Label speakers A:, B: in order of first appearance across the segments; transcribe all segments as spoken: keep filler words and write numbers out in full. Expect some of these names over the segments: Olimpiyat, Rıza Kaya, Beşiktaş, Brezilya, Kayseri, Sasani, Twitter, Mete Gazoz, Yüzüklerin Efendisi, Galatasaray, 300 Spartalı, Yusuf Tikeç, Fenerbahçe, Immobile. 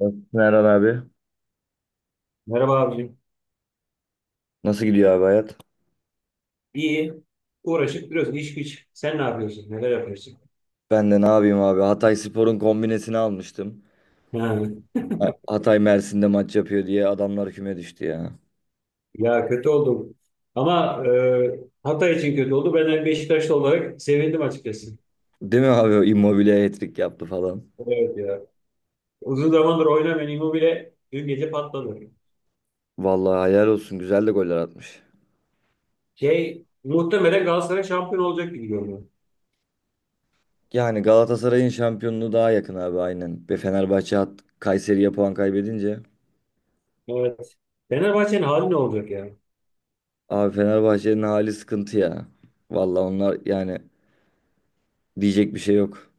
A: Nasılsın Erhan abi?
B: Merhaba abicim.
A: Nasıl gidiyor abi hayat?
B: İyi. Uğraşıp duruyorsun. İş güç. Sen ne yapıyorsun? Neler yapıyorsun?
A: Ben de ne yapayım abi? Hatay Spor'un kombinesini almıştım.
B: Ha.
A: Ha- Hatay Mersin'de maç yapıyor diye adamlar küme düştü ya.
B: Ya kötü oldum. Ama e, Hatay için kötü oldu. Ben de Beşiktaşlı olarak sevindim açıkçası.
A: Değil mi abi? O Immobile hat-trick yaptı falan.
B: Evet ya. Uzun zamandır oynamayan Immobile dün gece patladı.
A: Vallahi hayal olsun. Güzel de goller atmış.
B: Şey, muhtemelen Galatasaray şampiyon olacak gibi görünüyor.
A: Yani Galatasaray'ın şampiyonluğu daha yakın abi aynen. Ve Fenerbahçe hat Kayseri'ye puan kaybedince.
B: Evet. Fenerbahçe'nin hali ne olacak ya?
A: Abi Fenerbahçe'nin hali sıkıntı ya. Vallahi onlar yani diyecek bir şey yok.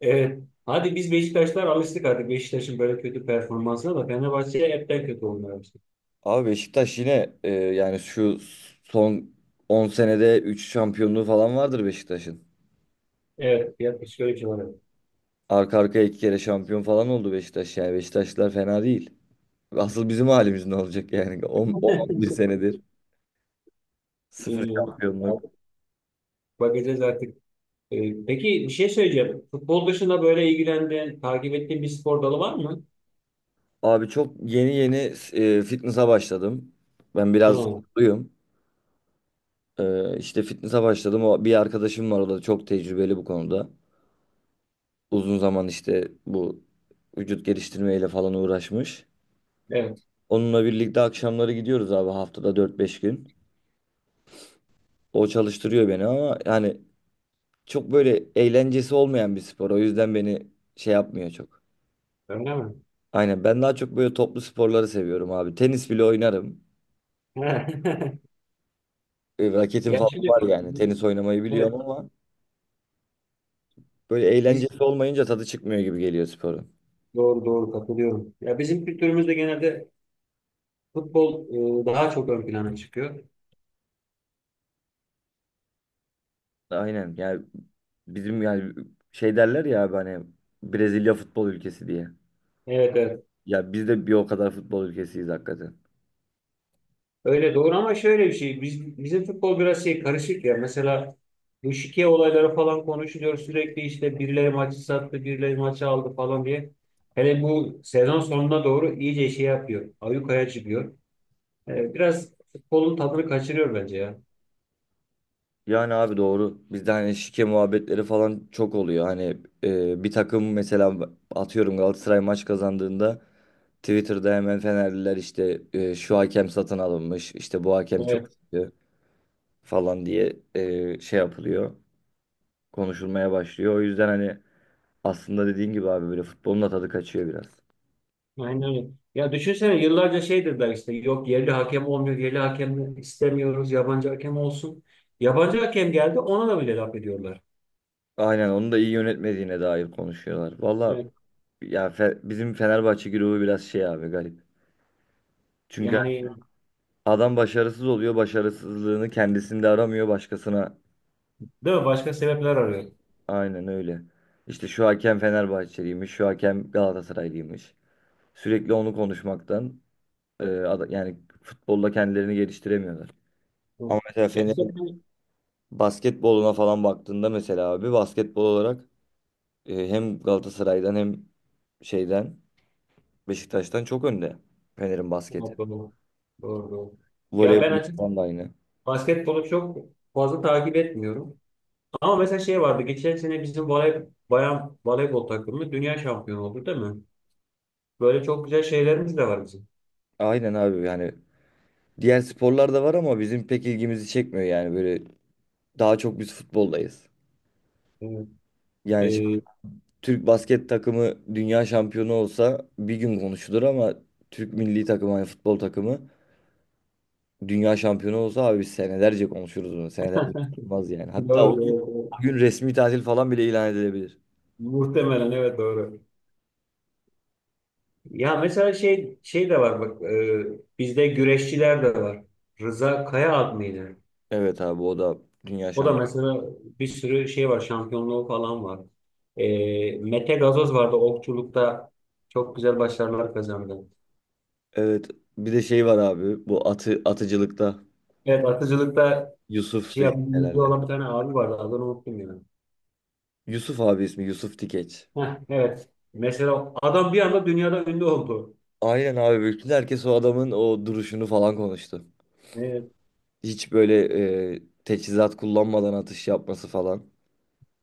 B: Evet. Hadi biz Beşiktaşlar alıştık artık Beşiktaş'ın böyle kötü performansına da Fenerbahçe hepten kötü olmaya başladı.
A: Abi Beşiktaş yine e, yani şu son on senede üç şampiyonluğu falan vardır Beşiktaş'ın.
B: Evet. Yaklaşık öyle bir şey var.
A: Arka arkaya iki kere şampiyon falan oldu Beşiktaş yani. Beşiktaşlılar fena değil. Asıl bizim halimiz ne olacak yani on on bir senedir sıfır
B: Ee,
A: şampiyonluk.
B: Bakacağız artık. Ee, peki bir şey söyleyeceğim. Futbol dışında böyle ilgilendiğin, takip ettiğin bir spor dalı var mı?
A: Abi çok yeni yeni e, fitness'a başladım. Ben biraz
B: Hı,
A: kutluyum. E, işte fitness'a başladım. O, bir arkadaşım var, o da çok tecrübeli bu konuda. Uzun zaman işte bu vücut geliştirmeyle falan uğraşmış.
B: evet.
A: Onunla birlikte akşamları gidiyoruz abi, haftada dört beş gün. O çalıştırıyor beni ama yani çok böyle eğlencesi olmayan bir spor. O yüzden beni şey yapmıyor çok.
B: Öyle mi?
A: Aynen, ben daha çok böyle toplu sporları seviyorum abi. Tenis bile oynarım. E, Raketim
B: Ya
A: falan
B: şimdi,
A: var yani. Tenis
B: evet,
A: oynamayı biliyorum ama böyle
B: biz
A: eğlencesi olmayınca tadı çıkmıyor gibi geliyor sporun.
B: doğru doğru katılıyorum. Ya bizim kültürümüzde genelde futbol e, daha çok ön plana çıkıyor.
A: Aynen yani bizim yani şey derler ya abi hani, Brezilya futbol ülkesi diye.
B: Evet, evet.
A: Ya biz de bir o kadar futbol ülkesiyiz hakikaten.
B: Öyle doğru ama şöyle bir şey. Biz, bizim futbol biraz şey karışık ya. Mesela bu şike olayları falan konuşuluyor sürekli işte birileri maçı sattı, birileri maçı aldı falan diye. Hele bu sezon sonuna doğru iyice şey yapıyor. Ayyukaya çıkıyor. Ee, biraz futbolun tadını kaçırıyor bence ya.
A: Yani abi doğru. Bizde hani şike muhabbetleri falan çok oluyor. Hani e, bir takım mesela, atıyorum Galatasaray maç kazandığında Twitter'da hemen Fenerliler işte e, şu hakem satın alınmış, işte bu hakem çok
B: Evet,
A: kötü falan diye e, şey yapılıyor. Konuşulmaya başlıyor. O yüzden hani aslında dediğin gibi abi böyle futbolun da tadı kaçıyor biraz.
B: aynen öyle. Ya düşünsene yıllarca şey dediler işte yok yerli hakem olmuyor, yerli hakem istemiyoruz, yabancı hakem olsun. Yabancı hakem geldi ona da bile laf ediyorlar.
A: Aynen, onu da iyi yönetmediğine dair konuşuyorlar. Valla
B: Evet.
A: ya Fe- bizim Fenerbahçe grubu biraz şey abi, garip. Çünkü
B: Yani
A: Adam başarısız oluyor. Başarısızlığını kendisinde aramıyor, başkasına.
B: değil mi? Başka sebepler arıyor.
A: Aynen öyle. İşte şu hakem Fenerbahçeliymiş, şu hakem Galatasaraylıymış. Sürekli onu konuşmaktan e, ada- yani futbolda kendilerini geliştiremiyorlar. Ama
B: Hı.
A: mesela
B: Ya işte
A: Fener'in
B: ben.
A: basketboluna falan baktığında mesela abi, basketbol olarak e, hem Galatasaray'dan hem şeyden Beşiktaş'tan çok önde Fener'in basketi.
B: Doğru. Doğru. Ya ben
A: Voleybol
B: açık
A: falan da aynı.
B: basketbolu çok fazla takip etmiyorum. Ama mesela şey vardı. Geçen sene bizim voley, bayan voleybol takımı dünya şampiyonu oldu değil mi? Böyle çok güzel şeylerimiz de var bizim.
A: Aynen abi yani diğer sporlar da var ama bizim pek ilgimizi çekmiyor yani, böyle Daha çok biz futboldayız.
B: Evet.
A: Yani şimdi
B: Ee,
A: Türk basket takımı dünya şampiyonu olsa bir gün konuşulur ama Türk milli takımı, yani futbol takımı dünya şampiyonu olsa abi biz senelerce konuşuruz bunu. Senelerce konuşulmaz yani. Hatta
B: doğru,
A: o gün,
B: doğru.
A: o gün resmi tatil falan bile ilan edilebilir.
B: Muhtemelen evet doğru. Ya mesela şey şey de var bak e, bizde güreşçiler de var. Rıza Kaya ad mıydı?
A: Evet abi, o da dünya
B: O da
A: şampiyonu.
B: mesela bir sürü şey var, şampiyonluğu falan var. Ee, Mete Gazoz vardı okçulukta. Çok güzel başarılar kazandı.
A: Evet, bir de şey var abi, bu atı, atıcılıkta
B: Evet, atıcılıkta
A: Yusuf
B: şey
A: Yusuf'tu
B: yapan,
A: herhalde.
B: olan bir tane abi vardı. Adını unuttum ya.
A: Yusuf abi, ismi Yusuf Tikeç.
B: Heh, evet. Mesela adam bir anda dünyada ünlü oldu.
A: Aynen abi, bütün herkes o adamın o duruşunu falan konuştu.
B: Evet,
A: Hiç böyle e, teçhizat kullanmadan atış yapması falan.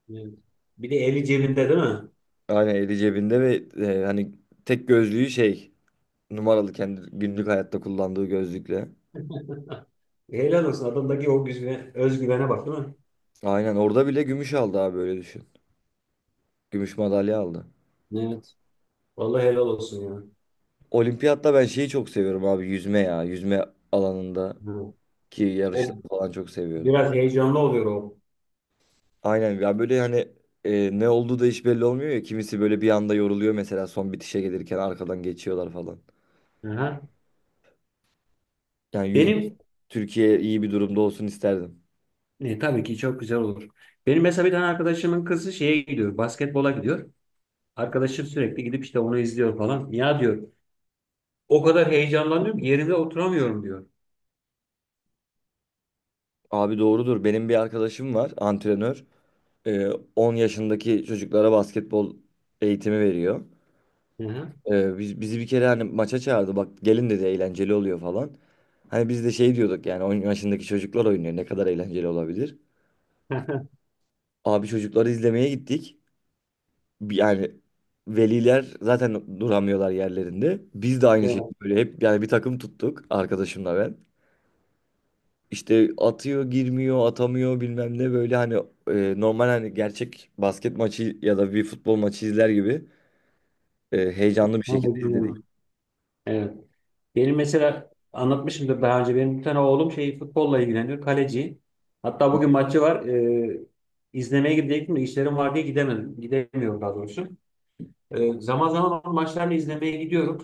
B: evet. Bir de eli cebinde değil mi?
A: Aynen, eli cebinde ve e, hani tek gözlüğü, şey, numaralı, kendi günlük hayatta kullandığı gözlükle.
B: Helal olsun. Adamdaki o güzve- özgüvene bak değil mi?
A: Aynen, orada bile gümüş aldı abi, böyle düşün. Gümüş madalya aldı.
B: Evet. Vallahi helal olsun ya.
A: Olimpiyatta ben şeyi çok seviyorum abi, yüzme ya. Yüzme alanında
B: Hı.
A: ki
B: O
A: yarışları falan çok seviyorum.
B: biraz heyecanlı oluyor o.
A: Aynen ya, böyle hani e, ne olduğu da hiç belli olmuyor ya. Kimisi böyle bir anda yoruluyor mesela, son bitişe gelirken arkadan geçiyorlar falan.
B: Aha.
A: Yani yüzme
B: Benim.
A: Türkiye iyi bir durumda olsun isterdim.
B: E, tabii ki çok güzel olur. Benim mesela bir tane arkadaşımın kızı şeye gidiyor, basketbola gidiyor. Arkadaşım sürekli gidip işte onu izliyor falan. Ya diyor, o kadar heyecanlanıyorum ki yerimde oturamıyorum diyor.
A: Abi doğrudur. Benim bir arkadaşım var, antrenör. Ee, on yaşındaki çocuklara basketbol eğitimi veriyor.
B: Hı hı.
A: Ee, biz, bizi bir kere hani maça çağırdı. Bak, gelin dedi, eğlenceli oluyor falan. Hani biz de şey diyorduk yani, on yaşındaki çocuklar oynuyor, ne kadar eğlenceli olabilir. Abi, çocukları izlemeye gittik. Bir- Yani veliler zaten duramıyorlar yerlerinde. Biz de aynı
B: Evet,
A: şekilde böyle, hep yani bir takım tuttuk arkadaşımla ben. İşte atıyor, girmiyor, atamıyor, bilmem ne, böyle hani e, normal hani, gerçek basket maçı ya da bir futbol maçı izler gibi e, heyecanlı bir
B: tam da
A: şekilde izledik.
B: bilmiyorum. Evet. Benim mesela anlatmışımdır daha önce. Benim bir tane oğlum şey futbolla ilgileniyor, kaleci. Hatta bugün maçı var. E, izlemeye gidecektim de işlerim var diye gidemedim. Gidemiyorum daha doğrusu. Ee, zaman zaman onun maçlarını izlemeye gidiyorum.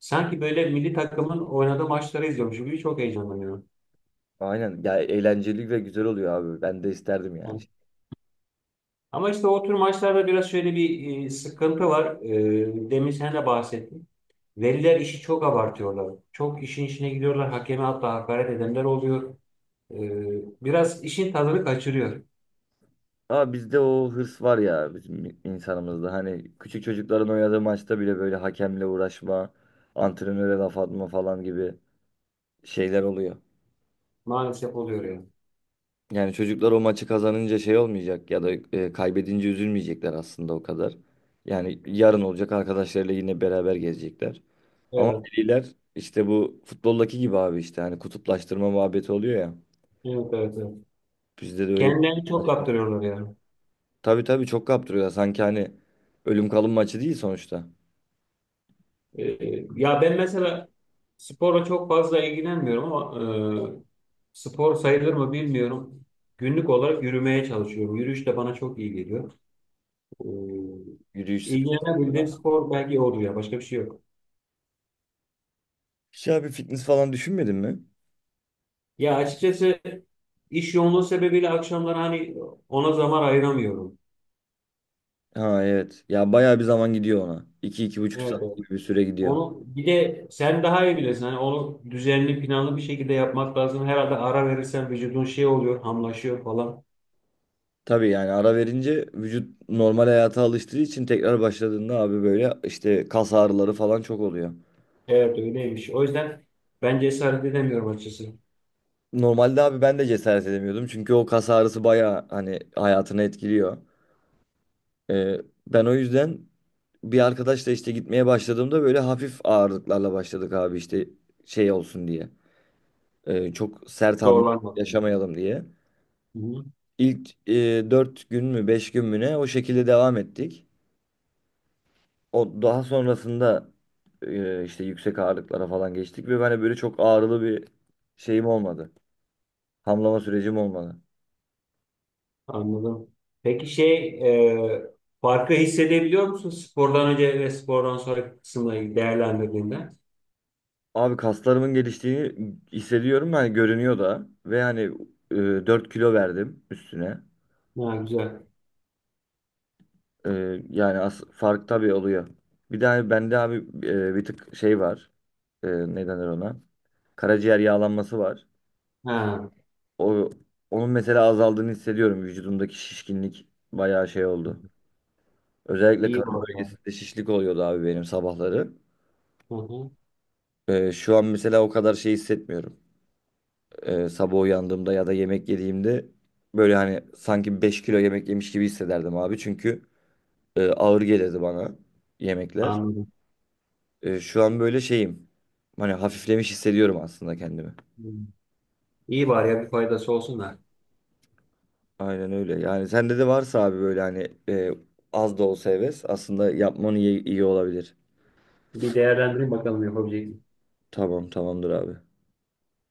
B: Sanki böyle milli takımın oynadığı maçları izliyormuş gibi çok heyecanlanıyorum.
A: Aynen ya, eğlenceli ve güzel oluyor abi. Ben de isterdim yani.
B: Yani- Ama işte o tür maçlarda biraz şöyle bir e, sıkıntı var. Ee, demin sen de bahsettin. Veliler işi çok abartıyorlar. Çok işin içine gidiyorlar. Hakeme hatta hakaret edenler oluyor. Ee, biraz işin tadını kaçırıyor.
A: Ama bizde o hırs var ya, bizim insanımızda. Hani küçük çocukların oynadığı maçta bile böyle hakemle uğraşma, antrenöre laf atma falan gibi şeyler oluyor.
B: Maalesef oluyor yani.
A: Yani çocuklar o maçı kazanınca şey olmayacak ya da e, kaybedince üzülmeyecekler aslında o kadar. Yani yarın olacak, arkadaşlarıyla yine beraber gezecekler. Ama
B: Evet,
A: veliler işte bu futboldaki gibi abi, işte hani kutuplaştırma muhabbeti oluyor ya.
B: evet, evet, evet.
A: Bizde de öyle bir.
B: Kendilerini çok kaptırıyorlar yani.
A: Tabii tabii, çok kaptırıyorlar. Sanki hani ölüm kalım maçı değil sonuçta.
B: E, Ya ben mesela sporla çok fazla ilgilenmiyorum ama e, spor sayılır mı bilmiyorum. Günlük olarak yürümeye çalışıyorum. Yürüyüş de bana çok iyi geliyor. E,
A: Yürüyüş spor.
B: ilgilenebildiğim spor belki odur ya. Başka bir şey yok.
A: Hiç abi, fitness falan düşünmedin mi?
B: Ya açıkçası iş yoğunluğu sebebiyle akşamları hani ona zaman ayıramıyorum.
A: Ha evet. Ya bayağı bir zaman gidiyor ona. iki iki buçuk
B: Evet,
A: saat
B: evet.
A: gibi bir süre gidiyor.
B: Onu bir de sen daha iyi bilirsin. Hani onu düzenli, planlı bir şekilde yapmak lazım. Herhalde ara verirsen vücudun şey oluyor, hamlaşıyor falan.
A: Tabii yani, ara verince vücut normal hayata alıştığı için tekrar başladığında abi böyle işte kas ağrıları falan çok oluyor.
B: Evet öyleymiş. O yüzden ben cesaret edemiyorum açıkçası.
A: Normalde abi ben de cesaret edemiyordum. Çünkü o kas ağrısı bayağı hani hayatını etkiliyor. Ee, ben o yüzden bir arkadaşla işte gitmeye başladığımda böyle hafif ağırlıklarla başladık abi, işte şey olsun diye. Ee, çok sert hamle
B: Zorlanmadım.
A: yaşamayalım diye.
B: Hı hı,
A: İlk e, dört gün mü, beş gün mü ne, o şekilde devam ettik. O daha sonrasında e, işte yüksek ağırlıklara falan geçtik ve ben de böyle çok ağrılı bir şeyim olmadı. Hamlama sürecim olmadı.
B: anladım. Peki şey e, farkı hissedebiliyor musun spordan önce ve spordan sonra kısımla ilgili değerlendirdiğinde?
A: Abi kaslarımın geliştiğini hissediyorum, yani görünüyor da, ve hani e, dört kilo verdim üstüne.
B: Ha, güzel.
A: E, yani as fark tabii oluyor. Bir de hani bende abi e, bir tık şey var. E, ne denir ona? Karaciğer yağlanması var.
B: Ha,
A: O onun mesela azaldığını hissediyorum. Vücudumdaki şişkinlik bayağı şey oldu. Özellikle
B: iyi
A: karın
B: var ya.
A: bölgesinde şişlik oluyordu abi benim, sabahları.
B: Hı hı,
A: E, şu an mesela o kadar şey hissetmiyorum. Ee, sabah uyandığımda ya da yemek yediğimde böyle hani sanki beş kilo yemek yemiş gibi hissederdim abi. Çünkü e, ağır gelirdi bana yemekler.
B: anladım.
A: E, şu an böyle şeyim. Hani hafiflemiş hissediyorum aslında kendimi.
B: Hı. İyi var ya, bir faydası olsun da.
A: Aynen öyle. Yani sende de varsa abi böyle hani e, az da olsa heves, aslında yapmanı iyi, iyi olabilir.
B: Bir değerlendireyim bakalım yapabilecek.
A: Tamam tamamdır abi.